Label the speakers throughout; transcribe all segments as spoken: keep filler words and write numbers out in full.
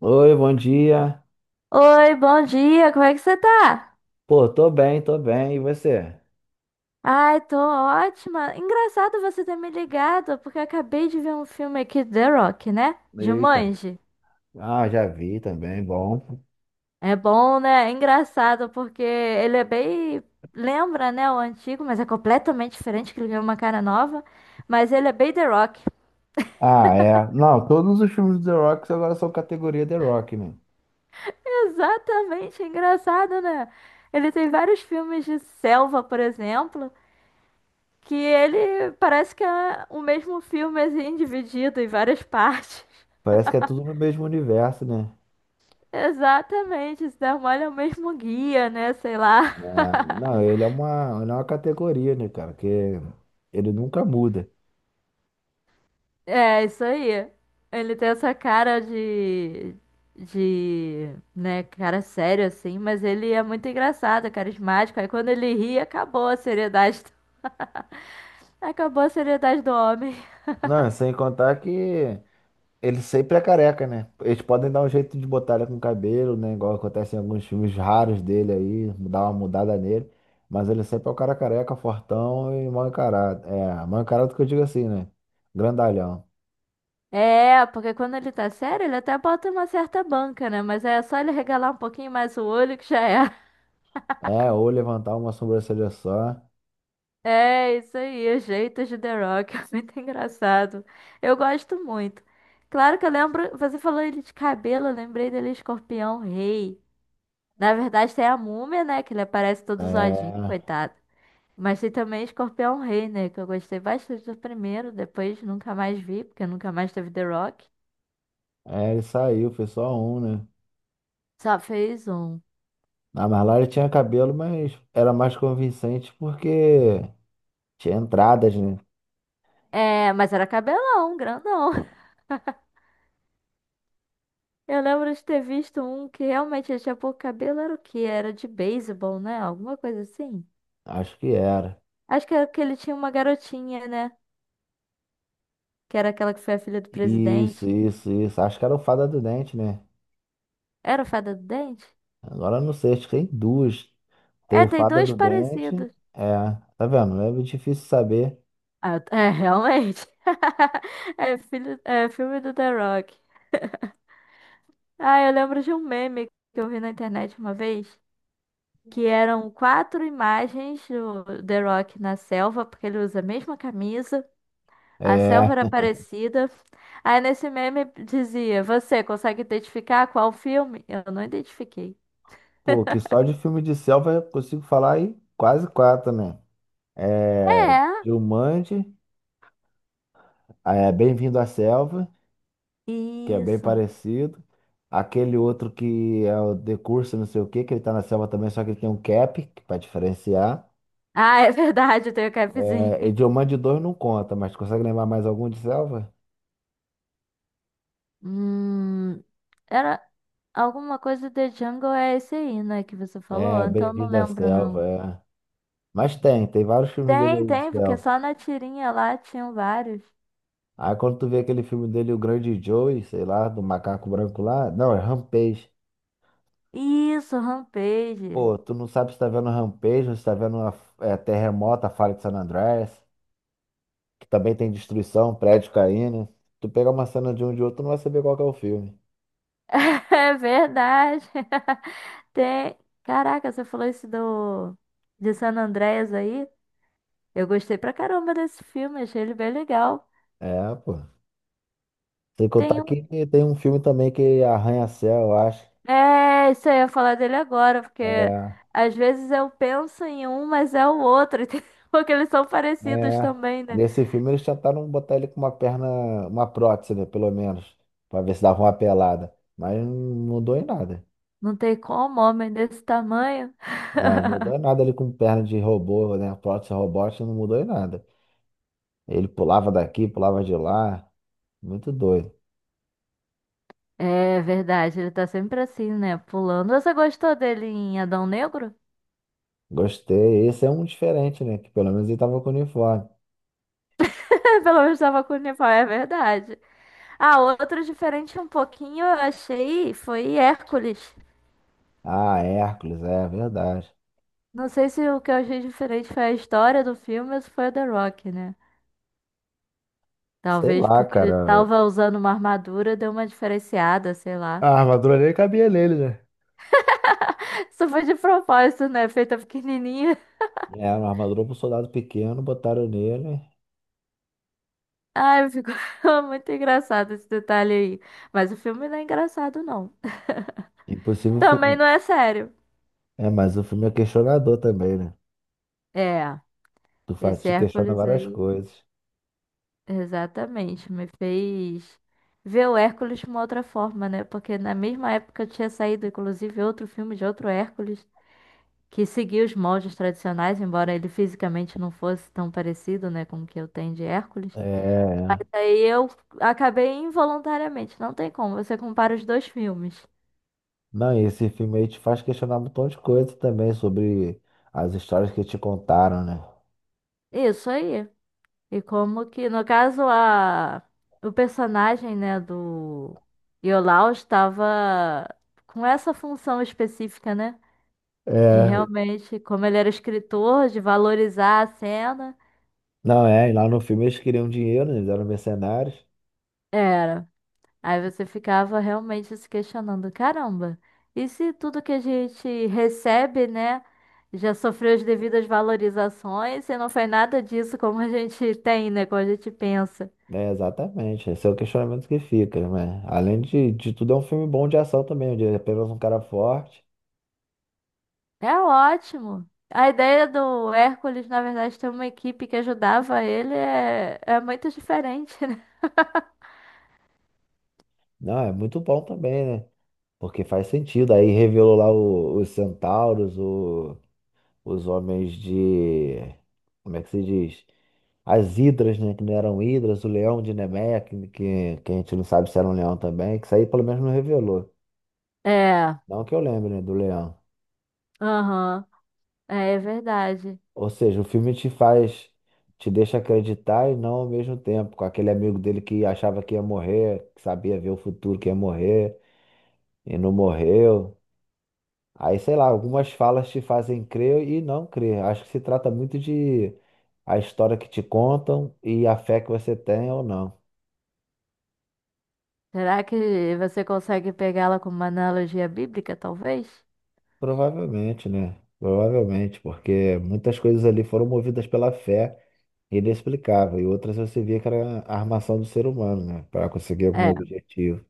Speaker 1: Oi, bom dia.
Speaker 2: Oi, bom dia, como é que você tá?
Speaker 1: Pô, tô bem, tô bem. E você?
Speaker 2: Ai, tô ótima. Engraçado você ter me ligado, porque eu acabei de ver um filme aqui, The Rock, né?
Speaker 1: Eita.
Speaker 2: Jumanji.
Speaker 1: Ah, já vi também, bom.
Speaker 2: É bom, né? É engraçado, porque ele é bem. Lembra, né, o antigo, mas é completamente diferente, que ele ganhou uma cara nova. Mas ele é bem The Rock.
Speaker 1: Ah, é. Não, todos os filmes do The Rock agora são categoria The Rock, né?
Speaker 2: Exatamente, é engraçado, né? Ele tem vários filmes de selva, por exemplo, que ele parece que é o mesmo filme, assim, dividido em várias partes.
Speaker 1: Parece que é tudo no mesmo universo, né?
Speaker 2: Exatamente, esse Darmole é o mesmo guia, né? Sei lá.
Speaker 1: Ah, não, ele é uma, ele é uma categoria, né, cara? Que ele nunca muda.
Speaker 2: É, isso aí. Ele tem essa cara de. De. Né, cara sério assim, mas ele é muito engraçado, é carismático. Aí quando ele ri, acabou a seriedade. Acabou a seriedade do homem.
Speaker 1: Não, sem contar que ele sempre é careca, né? Eles podem dar um jeito de botar ele com cabelo, né? Igual acontece em alguns filmes raros dele aí, dar uma mudada nele. Mas ele sempre é o cara careca, fortão e mal encarado. É, mal encarado que eu digo assim, né? Grandalhão.
Speaker 2: É, porque quando ele tá sério, ele até bota uma certa banca, né? Mas é só ele regalar um pouquinho mais o olho que já é.
Speaker 1: É, ou levantar uma sobrancelha só.
Speaker 2: É isso aí, os jeitos de The Rock, é muito engraçado. Eu gosto muito. Claro que eu lembro, você falou ele de cabelo, eu lembrei dele Escorpião Rei. Na verdade tem a Múmia, né, que ele aparece todo zoadinho,
Speaker 1: É,
Speaker 2: coitado. Mas tem também Escorpião Rei, né, que eu gostei bastante do primeiro, depois nunca mais vi, porque nunca mais teve The Rock.
Speaker 1: é, ele saiu, foi só um, né?
Speaker 2: Só fez um.
Speaker 1: Ah, mas lá ele tinha cabelo, mas era mais convincente porque tinha entradas, né?
Speaker 2: É, mas era cabelão, grandão. Eu lembro de ter visto um que realmente ele tinha pouco cabelo, era o quê? Era de beisebol, né? Alguma coisa assim.
Speaker 1: Acho que era.
Speaker 2: Acho que era que ele tinha uma garotinha, né? Que era aquela que foi a filha do presidente.
Speaker 1: Isso, isso, isso. Acho que era o Fada do Dente, né?
Speaker 2: Era a Fada do Dente?
Speaker 1: Agora não sei, acho que tem duas. Tem
Speaker 2: É,
Speaker 1: o
Speaker 2: tem
Speaker 1: Fada
Speaker 2: dois
Speaker 1: do Dente.
Speaker 2: parecidos.
Speaker 1: É, tá vendo? É difícil saber.
Speaker 2: Ah, é, realmente. É, filho, é filme do The Rock. Ah, eu lembro de um meme que eu vi na internet uma vez, que eram quatro imagens do The Rock na selva, porque ele usa a mesma camisa, a selva
Speaker 1: É,
Speaker 2: era parecida. Aí nesse meme dizia: você consegue identificar qual filme? Eu não identifiquei.
Speaker 1: pô, que só de filme de selva eu consigo falar aí quase quatro, né? É,
Speaker 2: É,
Speaker 1: Jumanji, é Bem-vindo à Selva, que é bem
Speaker 2: isso.
Speaker 1: parecido. Aquele outro que é o The Curso, não sei o quê, que ele tá na selva também, só que ele tem um cap, que pra diferenciar.
Speaker 2: Ah, é verdade, eu tenho
Speaker 1: É, e
Speaker 2: capzinho.
Speaker 1: Jumanji dois não conta, mas consegue lembrar mais algum de selva?
Speaker 2: Hum, era alguma coisa de Jungle é esse aí, né, que você falou?
Speaker 1: É,
Speaker 2: Então não
Speaker 1: Bem-vindo à
Speaker 2: lembro, não.
Speaker 1: Selva, é. Mas tem, tem vários filmes dele
Speaker 2: Tem,
Speaker 1: aí,
Speaker 2: tem, porque
Speaker 1: self.
Speaker 2: só na tirinha lá tinham vários.
Speaker 1: Aí quando tu vê aquele filme dele, O Grande Joey, sei lá, do macaco branco lá, não, é Rampage.
Speaker 2: Isso, Rampage.
Speaker 1: Pô, tu não sabe se tá vendo Rampage ou se tá vendo uma, é, Terremoto, a Falha de San Andreas, que também tem destruição, prédio caindo. Tu pega uma cena de um de outro, tu não vai saber qual que é o filme.
Speaker 2: É verdade. Tem. Caraca, você falou isso do de San Andreas aí? Eu gostei pra caramba desse filme, achei ele bem legal.
Speaker 1: É, pô. Sem contar
Speaker 2: Tem
Speaker 1: que
Speaker 2: um.
Speaker 1: tem um filme também que é Arranha-Céu, eu acho.
Speaker 2: É, isso aí, eu ia falar dele agora, porque
Speaker 1: É,
Speaker 2: às vezes eu penso em um, mas é o outro, entendeu? Porque eles são parecidos
Speaker 1: é,
Speaker 2: também, né?
Speaker 1: nesse filme eles tentaram botar ele com uma perna, uma prótese, né, pelo menos, pra ver se dava uma pelada. Mas não mudou em nada.
Speaker 2: Não tem como, homem desse tamanho.
Speaker 1: É, não mudou em nada ele com perna de robô, né? Prótese robótica não mudou em nada. Ele pulava daqui, pulava de lá. Muito doido.
Speaker 2: É verdade, ele tá sempre assim, né? Pulando. Você gostou dele em Adão Negro?
Speaker 1: Gostei. Esse é um diferente, né? Que pelo menos ele tava com uniforme.
Speaker 2: Pelo menos tava com o uniforme, é verdade. Ah, outro diferente um pouquinho, eu achei, foi Hércules.
Speaker 1: Ah, Hércules, é verdade.
Speaker 2: Não sei se o que eu achei diferente foi a história do filme ou se foi o The Rock, né?
Speaker 1: Sei
Speaker 2: Talvez
Speaker 1: lá,
Speaker 2: porque ele
Speaker 1: cara.
Speaker 2: tava usando uma armadura, deu uma diferenciada, sei lá.
Speaker 1: A armadura nem cabia nele, né?
Speaker 2: Isso foi de propósito, né? Feita pequenininha.
Speaker 1: É, uma armadura pro soldado pequeno, botaram nele.
Speaker 2: Ai, ficou muito engraçado esse detalhe aí. Mas o filme não é engraçado, não.
Speaker 1: Impossível,
Speaker 2: Também
Speaker 1: fi-
Speaker 2: não é sério.
Speaker 1: É, mas o filme é questionador também, né?
Speaker 2: É,
Speaker 1: Tu faz,
Speaker 2: esse
Speaker 1: te questiona
Speaker 2: Hércules
Speaker 1: várias
Speaker 2: aí,
Speaker 1: coisas.
Speaker 2: exatamente, me fez ver o Hércules de uma outra forma, né? Porque na mesma época tinha saído, inclusive, outro filme de outro Hércules, que seguia os moldes tradicionais, embora ele fisicamente não fosse tão parecido, né, com o que eu tenho de Hércules.
Speaker 1: É.
Speaker 2: Aí eu acabei involuntariamente, não tem como, você compara os dois filmes.
Speaker 1: Não, e esse filme aí te faz questionar um montão de coisa também sobre as histórias que te contaram, né?
Speaker 2: Isso aí. E como que, no caso, a o personagem, né, do Iolaus estava com essa função específica, né, de
Speaker 1: É.
Speaker 2: realmente, como ele era escritor, de valorizar a cena,
Speaker 1: Não, é, e lá no filme eles queriam dinheiro, eles eram mercenários.
Speaker 2: era. Aí você ficava realmente se questionando, caramba, e se tudo que a gente recebe, né, já sofreu as devidas valorizações e não foi nada disso como a gente tem, né, como a gente pensa.
Speaker 1: É, exatamente. Esse é o questionamento que fica, né? Além de, de tudo, é um filme bom de ação também, onde é apenas um cara forte.
Speaker 2: É ótimo. A ideia do Hércules, na verdade, ter uma equipe que ajudava ele é, é muito diferente, né?
Speaker 1: Não, é muito bom também, né? Porque faz sentido. Aí revelou lá o- os centauros, o os homens de. Como é que se diz? As hidras, né? Que não eram hidras, o leão de Nemeia, que, que, que a gente não sabe se era um leão também, que isso aí pelo menos não revelou.
Speaker 2: É,
Speaker 1: Não que eu lembre, né, do leão.
Speaker 2: aham, é, é verdade.
Speaker 1: Ou seja, o filme te faz, te deixa acreditar e não ao mesmo tempo. Com aquele amigo dele que achava que ia morrer, que sabia ver o futuro que ia morrer, e não morreu. Aí, sei lá, algumas falas te fazem crer e não crer. Acho que se trata muito de a história que te contam e a fé que você tem ou não.
Speaker 2: Será que você consegue pegá-la como uma analogia bíblica, talvez?
Speaker 1: Provavelmente, né? Provavelmente, porque muitas coisas ali foram movidas pela fé inexplicável, e outras você via que era a armação do ser humano, né? Para conseguir algum
Speaker 2: É.
Speaker 1: objetivo.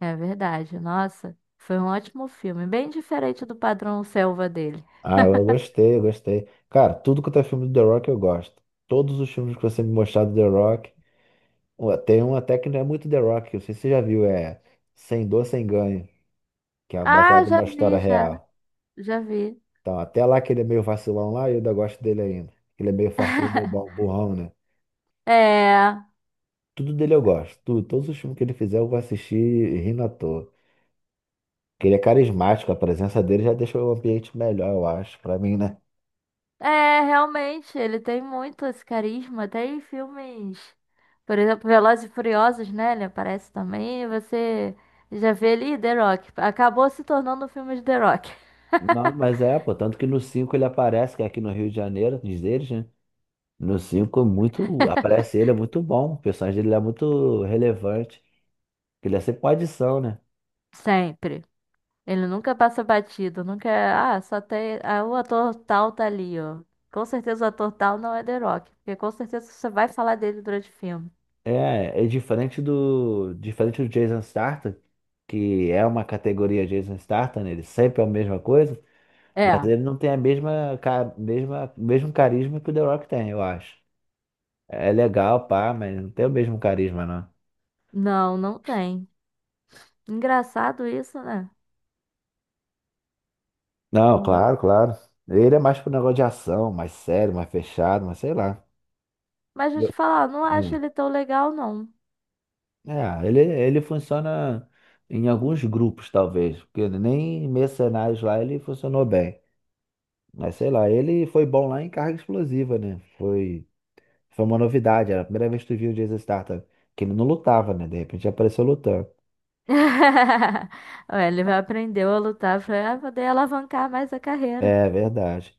Speaker 2: É verdade. Nossa, foi um ótimo filme, bem diferente do padrão Selva dele.
Speaker 1: Ah, eu gostei, eu gostei. Cara, tudo quanto é filme do The Rock eu gosto. Todos os filmes que você me mostrar do The Rock, ué, tem um até que não é muito The Rock, eu sei se você já viu, é Sem Dor, Sem Ganho, que é
Speaker 2: Ah,
Speaker 1: baseado
Speaker 2: já
Speaker 1: numa história
Speaker 2: vi, já.
Speaker 1: real.
Speaker 2: Já vi.
Speaker 1: Então, até lá que ele é meio vacilão lá, eu ainda gosto dele ainda. Ele é meio fortão, bobão, burrão, né?
Speaker 2: É,
Speaker 1: Tudo dele eu gosto. Tudo, todos os filmes que ele fizer eu vou assistir rindo à toa. Porque ele é carismático, a presença dele já deixa o ambiente melhor, eu acho, pra mim, né?
Speaker 2: é, realmente, ele tem muito esse carisma. Tem filmes, por exemplo, Velozes e Furiosos, né? Ele aparece também. E você já vê ali The Rock. Acabou se tornando um filme de The Rock.
Speaker 1: Não, mas é, pô, tanto que no cinco ele aparece, que é aqui no Rio de Janeiro, diz eles, né? No cinco é muito, aparece ele, é muito bom, o personagem dele é muito relevante, que ele é sempre uma adição, né?
Speaker 2: Sempre. Ele nunca passa batido, nunca. É, ah, só tem. Ah, o ator tal tá ali, ó. Com certeza o ator tal não é The Rock, porque com certeza você vai falar dele durante o filme.
Speaker 1: É, é diferente do, diferente do Jason Statham, que é uma categoria Jason Statham, né? Ele sempre é a mesma coisa, mas
Speaker 2: É.
Speaker 1: ele não tem a mesma, ca- mesma, mesmo carisma que o The Rock tem, eu acho. É legal, pá, mas não tem o mesmo carisma, não.
Speaker 2: Não, não tem. Engraçado isso, né?
Speaker 1: Não,
Speaker 2: Hum.
Speaker 1: claro, claro. Ele é mais pro negócio de ação, mais sério, mais fechado, mas sei lá.
Speaker 2: Mas deixa eu
Speaker 1: Eu-
Speaker 2: te falar, eu não acho
Speaker 1: hum.
Speaker 2: ele tão legal, não.
Speaker 1: É, ele, ele funciona em alguns grupos, talvez, porque nem Mercenários lá ele funcionou bem. Mas sei lá, ele foi bom lá em carga explosiva, né? Foi, foi uma novidade, era a primeira vez que tu viu o Jason Statham, que ele não lutava, né? De repente apareceu lutando.
Speaker 2: Ué, ele vai aprender a lutar pra poder alavancar mais a carreira.
Speaker 1: É verdade.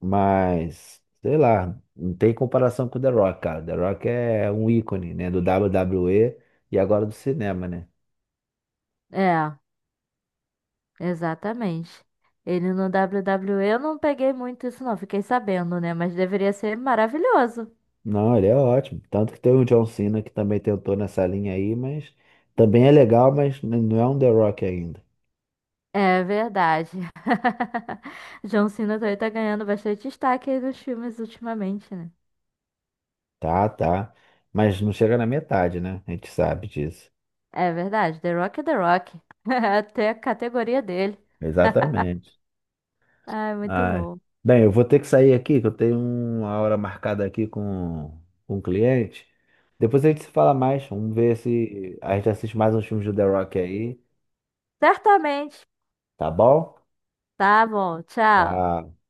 Speaker 1: Mas, sei lá, não tem comparação com o The Rock, cara. The Rock é um ícone, né? Do WWE e e agora do cinema, né?
Speaker 2: É, exatamente. Ele no D U É eu não peguei muito isso, não. Fiquei sabendo, né? Mas deveria ser maravilhoso.
Speaker 1: Não, ele é ótimo. Tanto que tem o John Cena que também tentou nessa linha aí, mas também é legal, mas n- não é um The Rock ainda.
Speaker 2: É verdade. John Cena também tá ganhando bastante destaque aí nos filmes ultimamente, né?
Speaker 1: Tá, tá. Mas não chega na metade, né? A gente sabe disso.
Speaker 2: É verdade. The Rock é The Rock. Até a categoria dele.
Speaker 1: Exatamente.
Speaker 2: Ai, muito
Speaker 1: Ah,
Speaker 2: bom.
Speaker 1: bem, eu vou ter que sair aqui, que eu tenho uma hora marcada aqui com, com um cliente. Depois a gente se fala mais. Vamos ver se a gente assiste mais uns filmes do The Rock aí,
Speaker 2: Certamente.
Speaker 1: tá bom?
Speaker 2: Tá bom, tchau.
Speaker 1: Tá.